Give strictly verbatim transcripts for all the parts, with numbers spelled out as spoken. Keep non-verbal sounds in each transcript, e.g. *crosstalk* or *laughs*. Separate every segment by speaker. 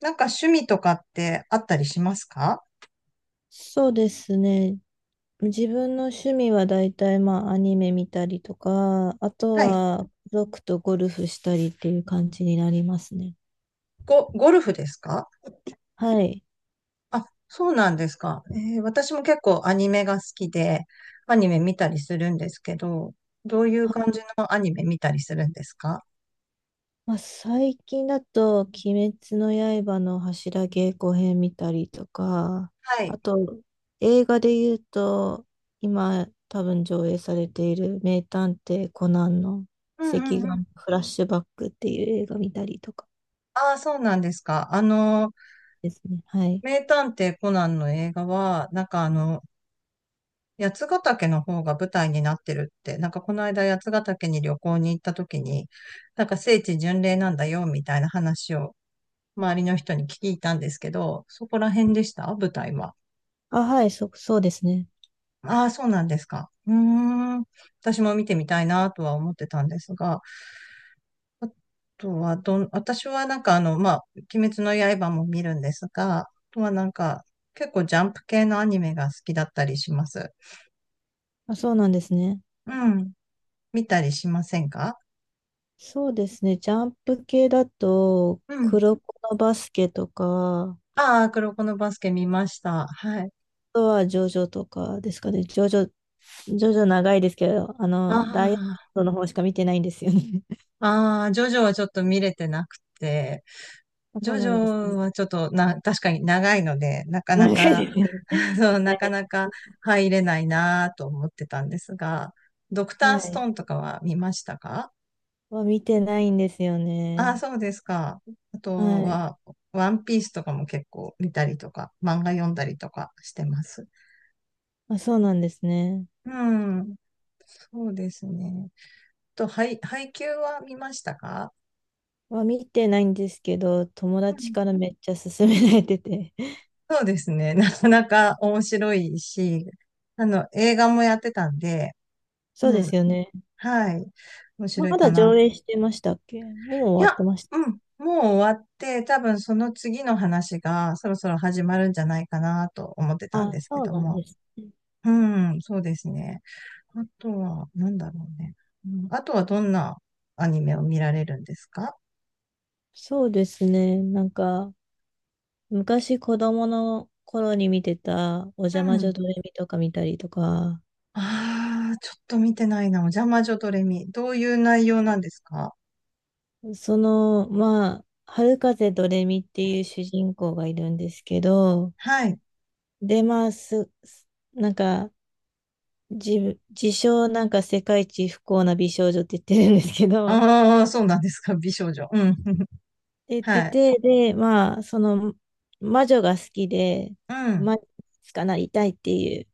Speaker 1: なんか趣味とかってあったりしますか？
Speaker 2: そうですね。自分の趣味は大体まあアニメ見たりとか、あと
Speaker 1: はい。
Speaker 2: は家族とゴルフしたりっていう感じになりますね。
Speaker 1: ゴ、ゴルフですか？
Speaker 2: はい。
Speaker 1: あ、そうなんですか。えー私も結構アニメが好きで、アニメ見たりするんですけど、どういう感じのアニメ見たりするんですか？
Speaker 2: まあ、最近だと「鬼滅の刃」の柱稽古編見たりとか、
Speaker 1: はい。
Speaker 2: あと映画で言うと今多分上映されている「名探偵コナン」の
Speaker 1: うんう
Speaker 2: 「赤
Speaker 1: んうん。
Speaker 2: 眼フラッシュバック」っていう映画見たりとか
Speaker 1: ああ、そうなんですか。あの、
Speaker 2: ですね。はい。
Speaker 1: 名探偵コナンの映画は、なんかあの、八ヶ岳の方が舞台になってるって、なんかこの間八ヶ岳に旅行に行った時に、なんか聖地巡礼なんだよ、みたいな話を周りの人に聞いたんですけど、そこら辺でした舞台は。
Speaker 2: あ、はい、そ、そうですね。
Speaker 1: ああ、そうなんですか。うーん。私も見てみたいなとは思ってたんですが、あとはどん、私はなんかあの、まあ、鬼滅の刃も見るんですが、あとはなんか、結構ジャンプ系のアニメが好きだったりします。
Speaker 2: あ、そうなんですね。
Speaker 1: うん。見たりしませんか？
Speaker 2: そうですね。ジャンプ系だと、
Speaker 1: うん。
Speaker 2: 黒子のバスケとか、あ
Speaker 1: ああ、黒子のバスケ見ました。はい。
Speaker 2: とはジョジョとかですかね。ジョジョ、ジョジョ長いですけど、あの、ダイヤ
Speaker 1: あ
Speaker 2: モンドの方しか見てないんですよね。*laughs*
Speaker 1: あ、ああ、ジョジョはちょっと見れてなくて、
Speaker 2: あ、
Speaker 1: ジ
Speaker 2: そ
Speaker 1: ョ
Speaker 2: う
Speaker 1: ジ
Speaker 2: なんです
Speaker 1: ョ
Speaker 2: ね。
Speaker 1: はちょっとな、確かに長いので、な
Speaker 2: *laughs*
Speaker 1: か
Speaker 2: 長
Speaker 1: な
Speaker 2: い
Speaker 1: か、
Speaker 2: ですよ
Speaker 1: *laughs*
Speaker 2: ね。
Speaker 1: そうなかなか入れないなと思ってたんですが、ドクタ
Speaker 2: は
Speaker 1: ー
Speaker 2: い。
Speaker 1: ス
Speaker 2: は
Speaker 1: ト
Speaker 2: い。
Speaker 1: ーンとかは見ましたか？
Speaker 2: は見てないんですよ
Speaker 1: ああ、
Speaker 2: ね。
Speaker 1: そうですか。あと
Speaker 2: はい。
Speaker 1: は、ワンピースとかも結構見たりとか、漫画読んだりとかしてます。
Speaker 2: あ、そうなんですね。
Speaker 1: うん、そうですね。と、配、配給は見ましたか？
Speaker 2: は見てないんですけど、友
Speaker 1: う
Speaker 2: 達
Speaker 1: ん。
Speaker 2: からめっちゃ勧められてて。*laughs*
Speaker 1: そうですね。なかなか面白いし、あの、映画もやってたんで、
Speaker 2: そうで
Speaker 1: うん。
Speaker 2: すよね。
Speaker 1: はい。面
Speaker 2: ま
Speaker 1: 白いか
Speaker 2: だ上
Speaker 1: な。
Speaker 2: 映してましたっけ？もう
Speaker 1: い
Speaker 2: 終わっ
Speaker 1: や、
Speaker 2: てました。
Speaker 1: うん。もう終わって、多分その次の話がそろそろ始まるんじゃないかなと思ってたん
Speaker 2: あ、
Speaker 1: ですけ
Speaker 2: そう
Speaker 1: ど
Speaker 2: なん
Speaker 1: も。
Speaker 2: ですね。
Speaker 1: うん、そうですね。あとは、なんだろうね。うん、あとはどんなアニメを見られるんですか？
Speaker 2: そうですね。なんか、昔子供の頃に見てた、お
Speaker 1: う
Speaker 2: じゃまじ
Speaker 1: ん。
Speaker 2: ょドレミとか見たりとか、
Speaker 1: ああ、ちょっと見てないな。お邪魔女ドレミ。どういう内容なんですか？
Speaker 2: その、まあ、春風ドレミっていう主人公がいるんですけど、
Speaker 1: はい。
Speaker 2: で、まあ、す、すなんか、自自称なんか世界一不幸な美少女って言ってるんですけど、*laughs* っ
Speaker 1: ああ、そうなんですか。美少女。うん。*laughs*
Speaker 2: て言って
Speaker 1: はい。
Speaker 2: て、で、まあ、その、魔女が好きで、
Speaker 1: うん。
Speaker 2: 魔女になりたいっていう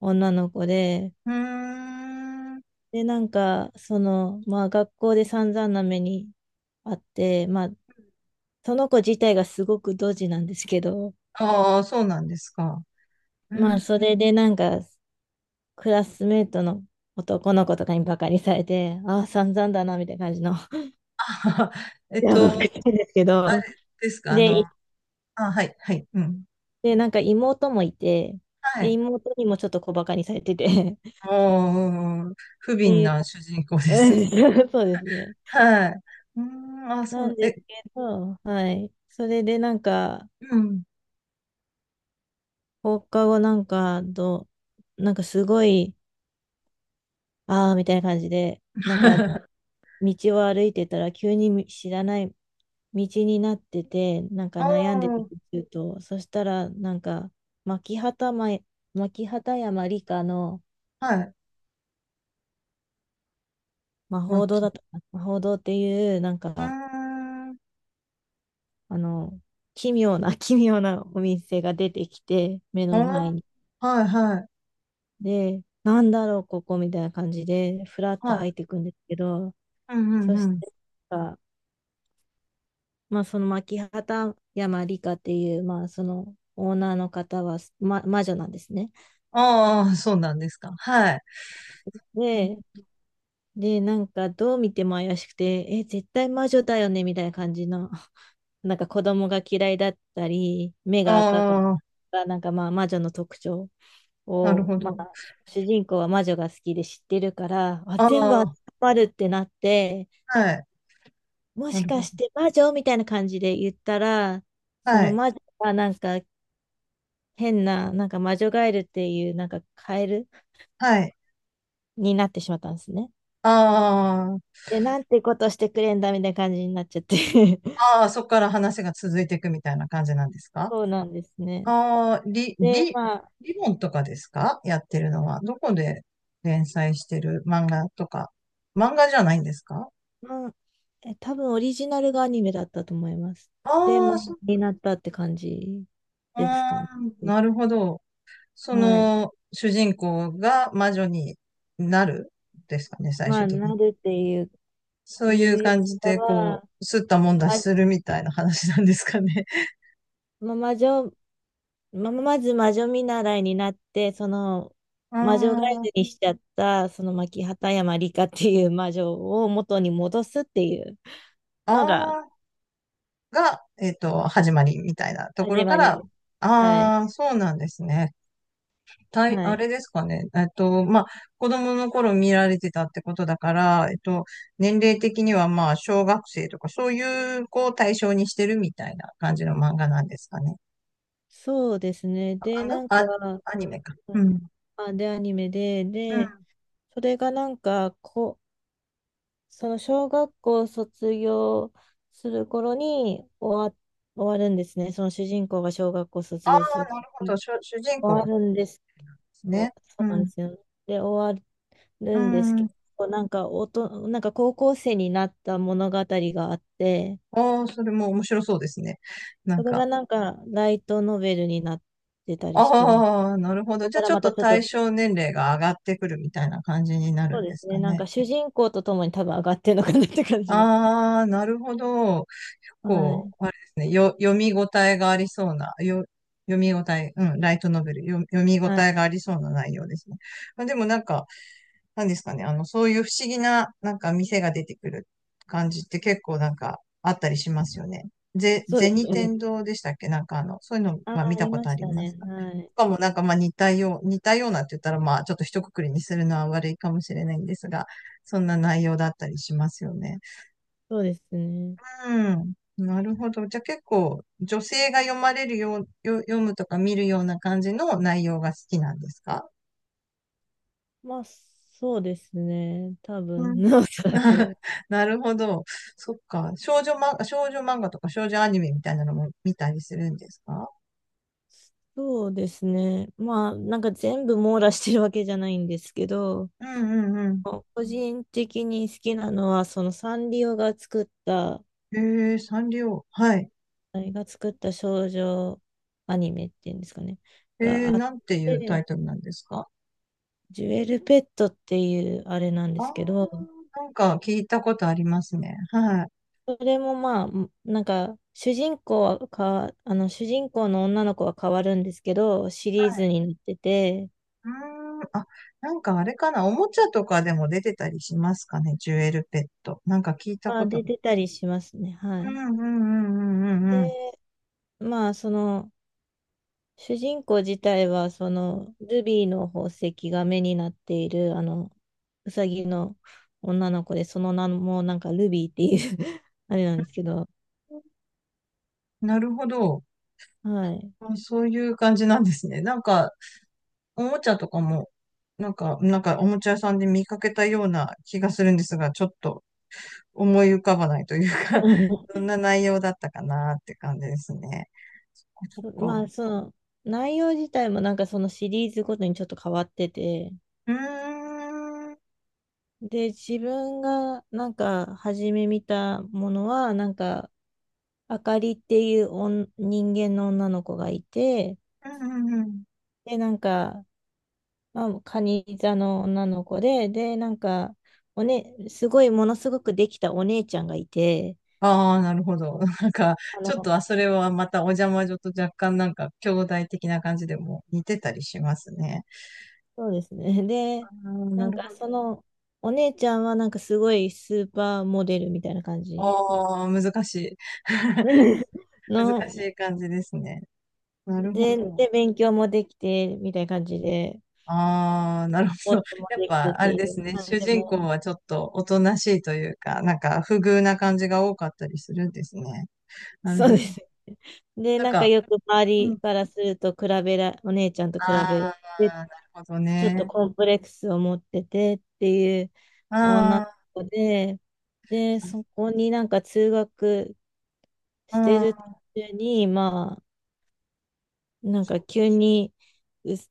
Speaker 2: 女の子で、
Speaker 1: うーん。
Speaker 2: で、なんか、その、まあ学校で散々な目にあって、まあ、その子自体がすごくドジなんですけど、
Speaker 1: ああ、そうなんですか。う
Speaker 2: まあ
Speaker 1: ん
Speaker 2: それでなんか、クラスメートの男の子とかにバカにされて、ああ、散々だな、みたいな感じの、*laughs*
Speaker 1: *laughs* えっ
Speaker 2: や
Speaker 1: と、
Speaker 2: ばくてですけ
Speaker 1: あ
Speaker 2: ど、
Speaker 1: れですか、あ
Speaker 2: で、
Speaker 1: の、
Speaker 2: い
Speaker 1: あ、はい、はい、うん。
Speaker 2: で、なんか妹もいて、
Speaker 1: は
Speaker 2: で、
Speaker 1: い。
Speaker 2: 妹にもちょっと小バカにされてて、*laughs* っ
Speaker 1: もう、不
Speaker 2: て
Speaker 1: 憫
Speaker 2: いう、
Speaker 1: な主人公ですね。
Speaker 2: うん *laughs* そうですね。
Speaker 1: *laughs* はい。うーん、あ、そ
Speaker 2: なん
Speaker 1: う、
Speaker 2: で
Speaker 1: え、
Speaker 2: すけど、はい。それでなんか、
Speaker 1: うん。
Speaker 2: 放課後なんか、どなんかすごい、ああ、みたいな感じで、なんか、道
Speaker 1: *laughs*
Speaker 2: を歩いてたら、急にみ知らない道になってて、なんか
Speaker 1: お
Speaker 2: 悩んでて
Speaker 1: ー、
Speaker 2: ると、そしたら、なんか、牧畑前、牧畑山理科の
Speaker 1: はい、
Speaker 2: 魔
Speaker 1: マッ
Speaker 2: 法堂
Speaker 1: キ
Speaker 2: だった
Speaker 1: ー。
Speaker 2: かな、魔法堂っていう、なん
Speaker 1: うー
Speaker 2: か、
Speaker 1: ん、
Speaker 2: あの、奇妙な、*laughs* 奇妙なお店が出てきて、目
Speaker 1: お
Speaker 2: の前
Speaker 1: ー、
Speaker 2: に。
Speaker 1: はい、はい、
Speaker 2: で、なんだろう、ここみたいな感じで、ふらって
Speaker 1: はい。
Speaker 2: 入ってくんですけど、
Speaker 1: うん、う
Speaker 2: そ
Speaker 1: ん、
Speaker 2: し
Speaker 1: うん。
Speaker 2: てあまあ、その牧畑山里香っていう、まあ、そのオーナーの方は、ま、魔女なんですね。
Speaker 1: ああ、そうなんですか。はい。
Speaker 2: で、で、なんかどう見ても怪しくて、え、絶対魔女だよねみたいな感じの、*laughs* なんか子供が嫌いだったり、目
Speaker 1: あ
Speaker 2: が赤かっ
Speaker 1: あ、
Speaker 2: たりなんかまあ魔女の特徴
Speaker 1: なる
Speaker 2: を、
Speaker 1: ほ
Speaker 2: ま
Speaker 1: ど。
Speaker 2: あ、主人公は魔女が好きで知ってるから、あ、
Speaker 1: あ
Speaker 2: 全部当て
Speaker 1: あ、
Speaker 2: はまるってなって、
Speaker 1: はい。
Speaker 2: も
Speaker 1: な
Speaker 2: し
Speaker 1: る
Speaker 2: か
Speaker 1: ほ
Speaker 2: し
Speaker 1: ど。
Speaker 2: て魔女みたいな感じで言ったら、そ
Speaker 1: は
Speaker 2: の
Speaker 1: い。
Speaker 2: 魔女がなんか変な、なんか魔女ガエルっていう、なんかカエル
Speaker 1: はい。
Speaker 2: になってしまったんですね。
Speaker 1: あ
Speaker 2: で、なんてことしてくれんだみたいな感じになっちゃって *laughs*
Speaker 1: ああ、そこから話が続いていくみたいな感じなんですか？
Speaker 2: そうなんですね。
Speaker 1: ああ、リ、
Speaker 2: で、
Speaker 1: リ、
Speaker 2: まあ、
Speaker 1: リボンとかですか？やってるのは。どこで連載してる漫画とか。漫画じゃないんですか？
Speaker 2: まあ、え、多分オリジナルがアニメだったと思います。で、
Speaker 1: あ
Speaker 2: 漫
Speaker 1: あ、そ、
Speaker 2: 画になったって感じです
Speaker 1: あ
Speaker 2: かね。
Speaker 1: ーなるほど。そ
Speaker 2: はい。
Speaker 1: の、主人公が魔女になるですかね、最
Speaker 2: ま
Speaker 1: 終
Speaker 2: あ、
Speaker 1: 的に。
Speaker 2: なるっていう、
Speaker 1: そう
Speaker 2: い
Speaker 1: いう
Speaker 2: うより
Speaker 1: 感じ
Speaker 2: か
Speaker 1: で、こ
Speaker 2: は、
Speaker 1: う、すったもんだし
Speaker 2: ま
Speaker 1: するみたいな話なんですかね。*laughs*
Speaker 2: ま魔女ま、まず魔女見習いになって、その
Speaker 1: あ
Speaker 2: 魔女ガイ
Speaker 1: ー、
Speaker 2: ドにしちゃった、その牧畑山里香っていう魔女を元に戻すっていう
Speaker 1: あ
Speaker 2: のが
Speaker 1: あ、が、えっと、始まりみたいなとこ
Speaker 2: 始
Speaker 1: ろか
Speaker 2: まり
Speaker 1: ら、
Speaker 2: です。はい。
Speaker 1: ああ、そうなんですね。たい、
Speaker 2: は
Speaker 1: あ
Speaker 2: い。
Speaker 1: れですかね。えっと、まあ、子供の頃見られてたってことだから、えっと、年齢的にはまあ、小学生とか、そういう子を対象にしてるみたいな感じの漫画なんですかね。
Speaker 2: そうですね。
Speaker 1: あ
Speaker 2: で、
Speaker 1: 漫画
Speaker 2: なんか、
Speaker 1: あ、アニメか。うん。
Speaker 2: あ、で、アニメで、
Speaker 1: うん。
Speaker 2: で、
Speaker 1: ああ、
Speaker 2: それがなんか、こ、その小学校卒業する頃に終わ、終わるんですね。その主人公が小学校卒
Speaker 1: な
Speaker 2: 業する頃
Speaker 1: るほど。
Speaker 2: に
Speaker 1: 主、主人公
Speaker 2: 終
Speaker 1: で
Speaker 2: わるんです。
Speaker 1: す
Speaker 2: おそ
Speaker 1: ね。う
Speaker 2: うなん
Speaker 1: ん。
Speaker 2: ですよ。で、終わ
Speaker 1: う
Speaker 2: るんですけ
Speaker 1: ん。
Speaker 2: ど、なんかおと、なんか高校生になった物語があって、
Speaker 1: ああ、それも面白そうですね。な
Speaker 2: そ
Speaker 1: ん
Speaker 2: れが
Speaker 1: か、
Speaker 2: なんかライトノベルになってたりしてます。
Speaker 1: ああ、なるほ
Speaker 2: そ
Speaker 1: ど。
Speaker 2: こ
Speaker 1: じゃ
Speaker 2: か
Speaker 1: あ
Speaker 2: ら
Speaker 1: ちょっ
Speaker 2: また
Speaker 1: と
Speaker 2: ちょっ
Speaker 1: 対
Speaker 2: と、
Speaker 1: 象年齢が上がってくるみたいな感じになる
Speaker 2: そう
Speaker 1: ん
Speaker 2: で
Speaker 1: です
Speaker 2: すね、
Speaker 1: か
Speaker 2: なん
Speaker 1: ね。
Speaker 2: か主人公とともに多分上がってるのかなって感じで。
Speaker 1: ああ、なるほど。
Speaker 2: は
Speaker 1: こ
Speaker 2: い。
Speaker 1: う、あれですね。よ、読み応えがありそうな、よ、読み応え、うん、ライトノベル、よ、読み応
Speaker 2: は
Speaker 1: え
Speaker 2: い。
Speaker 1: がありそうな内容ですね。まあ、でもなんか、なんですかね、あの、そういう不思議な、なんか店が出てくる感じって結構なんかあったりしますよね。ぜ、
Speaker 2: そうです
Speaker 1: 銭
Speaker 2: よね。
Speaker 1: 天堂でしたっけ？なんかあの、そういうの、
Speaker 2: ああ、
Speaker 1: まあ見
Speaker 2: あ
Speaker 1: た
Speaker 2: り
Speaker 1: こ
Speaker 2: ま
Speaker 1: とあ
Speaker 2: し
Speaker 1: り
Speaker 2: た
Speaker 1: ます
Speaker 2: ね。
Speaker 1: か？
Speaker 2: はい。
Speaker 1: とかもなんかまあ似たよう、似たようなって言ったらまあちょっと一括りにするのは悪いかもしれないんですが、そんな内容だったりしますよね。
Speaker 2: そうですね。
Speaker 1: うん。なるほど。じゃあ結構女性が読まれるよう、よ読むとか見るような感じの内容が好きなんですか？
Speaker 2: まあ、そうですね。多
Speaker 1: う
Speaker 2: 分、
Speaker 1: ん
Speaker 2: *laughs* おそら
Speaker 1: *laughs*
Speaker 2: く。
Speaker 1: なるほど。そっか。少女漫画、少女漫画とか少女アニメみたいなのも見たりするんですか？
Speaker 2: そうですね。まあ、なんか全部網羅してるわけじゃないんですけど、
Speaker 1: うんうんうん。
Speaker 2: 個人的に好きなのは、そのサンリオが作った、
Speaker 1: えー、サンリオ。はい。
Speaker 2: あれが作った少女アニメっていうんですかね、
Speaker 1: えー、
Speaker 2: があっ
Speaker 1: なんていうタ
Speaker 2: て、
Speaker 1: イトルなんですか？
Speaker 2: ジュエルペットっていうあれなんで
Speaker 1: あ
Speaker 2: す
Speaker 1: ー、
Speaker 2: けど、
Speaker 1: なんか聞いたことありますね。はい。
Speaker 2: それもまあ、なんか、主人公はか、あの、主人公の女の子は変わるんですけど、シリーズになってて、
Speaker 1: うーん、あ、なんかあれかな。おもちゃとかでも出てたりしますかね。ジュエルペット。なんか聞いた
Speaker 2: ま
Speaker 1: こ
Speaker 2: あ、
Speaker 1: と
Speaker 2: 出
Speaker 1: が。
Speaker 2: てたりしますね。は
Speaker 1: う
Speaker 2: い。
Speaker 1: んうんうんうんうんうん。
Speaker 2: で、まあ、その、主人公自体は、その、ルビーの宝石が目になっている、あの、うさぎの女の子で、その名もなんかルビーっていう *laughs* あれなんですけど、
Speaker 1: なるほど。
Speaker 2: はい。
Speaker 1: あそういう感じなんですね。なんか、おもちゃとかも、なんか、なんかおもちゃ屋さんで見かけたような気がするんですが、ちょっと思い浮かばないというか
Speaker 2: う
Speaker 1: *laughs* どん
Speaker 2: ん
Speaker 1: な内容だったかなって感じですね。そっか。
Speaker 2: そま
Speaker 1: そっ
Speaker 2: あ、
Speaker 1: か。
Speaker 2: その、内容自体もなんかそのシリーズごとにちょっと変わってて、
Speaker 1: うーん。うん
Speaker 2: で、自分がなんか初め見たものは、なんか、あかりっていうおん人間の女の子がいて、
Speaker 1: うんうん。
Speaker 2: で、なんか、まあ、カニ座の女の子で、で、なんか、おね、すごい、ものすごくできたお姉ちゃんがいて、
Speaker 1: ああ、なるほど。*laughs* なんか、
Speaker 2: あ
Speaker 1: ちょっと、
Speaker 2: の、
Speaker 1: あ、それはまたお邪魔女と若干なんか、兄弟的な感じでも似てたりしますね。
Speaker 2: そうですね。
Speaker 1: あ
Speaker 2: で、
Speaker 1: あ、
Speaker 2: な
Speaker 1: な
Speaker 2: ん
Speaker 1: るほ
Speaker 2: か、
Speaker 1: ど。
Speaker 2: その、お姉ちゃんは、なんか、すごいスーパーモデルみたいな感じの、
Speaker 1: ああ、難しい。*laughs*
Speaker 2: *laughs*
Speaker 1: 難し
Speaker 2: の
Speaker 1: い感じですね。なるほ
Speaker 2: で、
Speaker 1: ど。
Speaker 2: で、勉強もできて、みたいな感じで、
Speaker 1: ああ、なるほ
Speaker 2: スポ
Speaker 1: ど。
Speaker 2: ー
Speaker 1: *laughs*
Speaker 2: ツも
Speaker 1: やっ
Speaker 2: で
Speaker 1: ぱ、
Speaker 2: きて
Speaker 1: あれ
Speaker 2: て、
Speaker 1: ですね。
Speaker 2: なん
Speaker 1: 主
Speaker 2: で
Speaker 1: 人公
Speaker 2: も、
Speaker 1: はちょっとおとなしいというか、なんか、不遇な感じが多かったりするんですね。なる
Speaker 2: そう
Speaker 1: ほ
Speaker 2: で
Speaker 1: ど。
Speaker 2: すね。で、
Speaker 1: なん
Speaker 2: なんか
Speaker 1: か、
Speaker 2: よく周
Speaker 1: う
Speaker 2: り
Speaker 1: ん。
Speaker 2: からすると比べら、お姉ちゃんと比
Speaker 1: あ
Speaker 2: べて
Speaker 1: あ、なるほど
Speaker 2: ちょっと
Speaker 1: ね。
Speaker 2: コンプレックスを持っててっていう女
Speaker 1: あ
Speaker 2: の
Speaker 1: あ、
Speaker 2: 子で、で、そこになんか通学
Speaker 1: あ
Speaker 2: してる途
Speaker 1: あ、
Speaker 2: 中に、まあ、なんか急にうす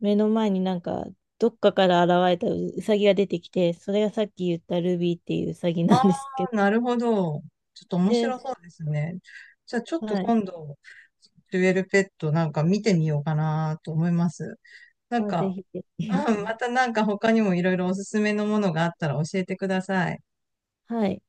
Speaker 2: 目の前になんかどっかから現れたうさぎが出てきて、それがさっき言ったルビーっていううさぎ
Speaker 1: あ
Speaker 2: なん
Speaker 1: あ、
Speaker 2: ですけど、
Speaker 1: なるほど。ちょっと面白
Speaker 2: で、
Speaker 1: そうですね。じゃあ、ちょっと
Speaker 2: はい。
Speaker 1: 今度、デュエルペットなんか見てみようかなと思います。なん
Speaker 2: あ、ぜ
Speaker 1: か、
Speaker 2: ひぜひ。
Speaker 1: うん、またなんか他にもいろいろおすすめのものがあったら教えてください。
Speaker 2: *laughs* はい。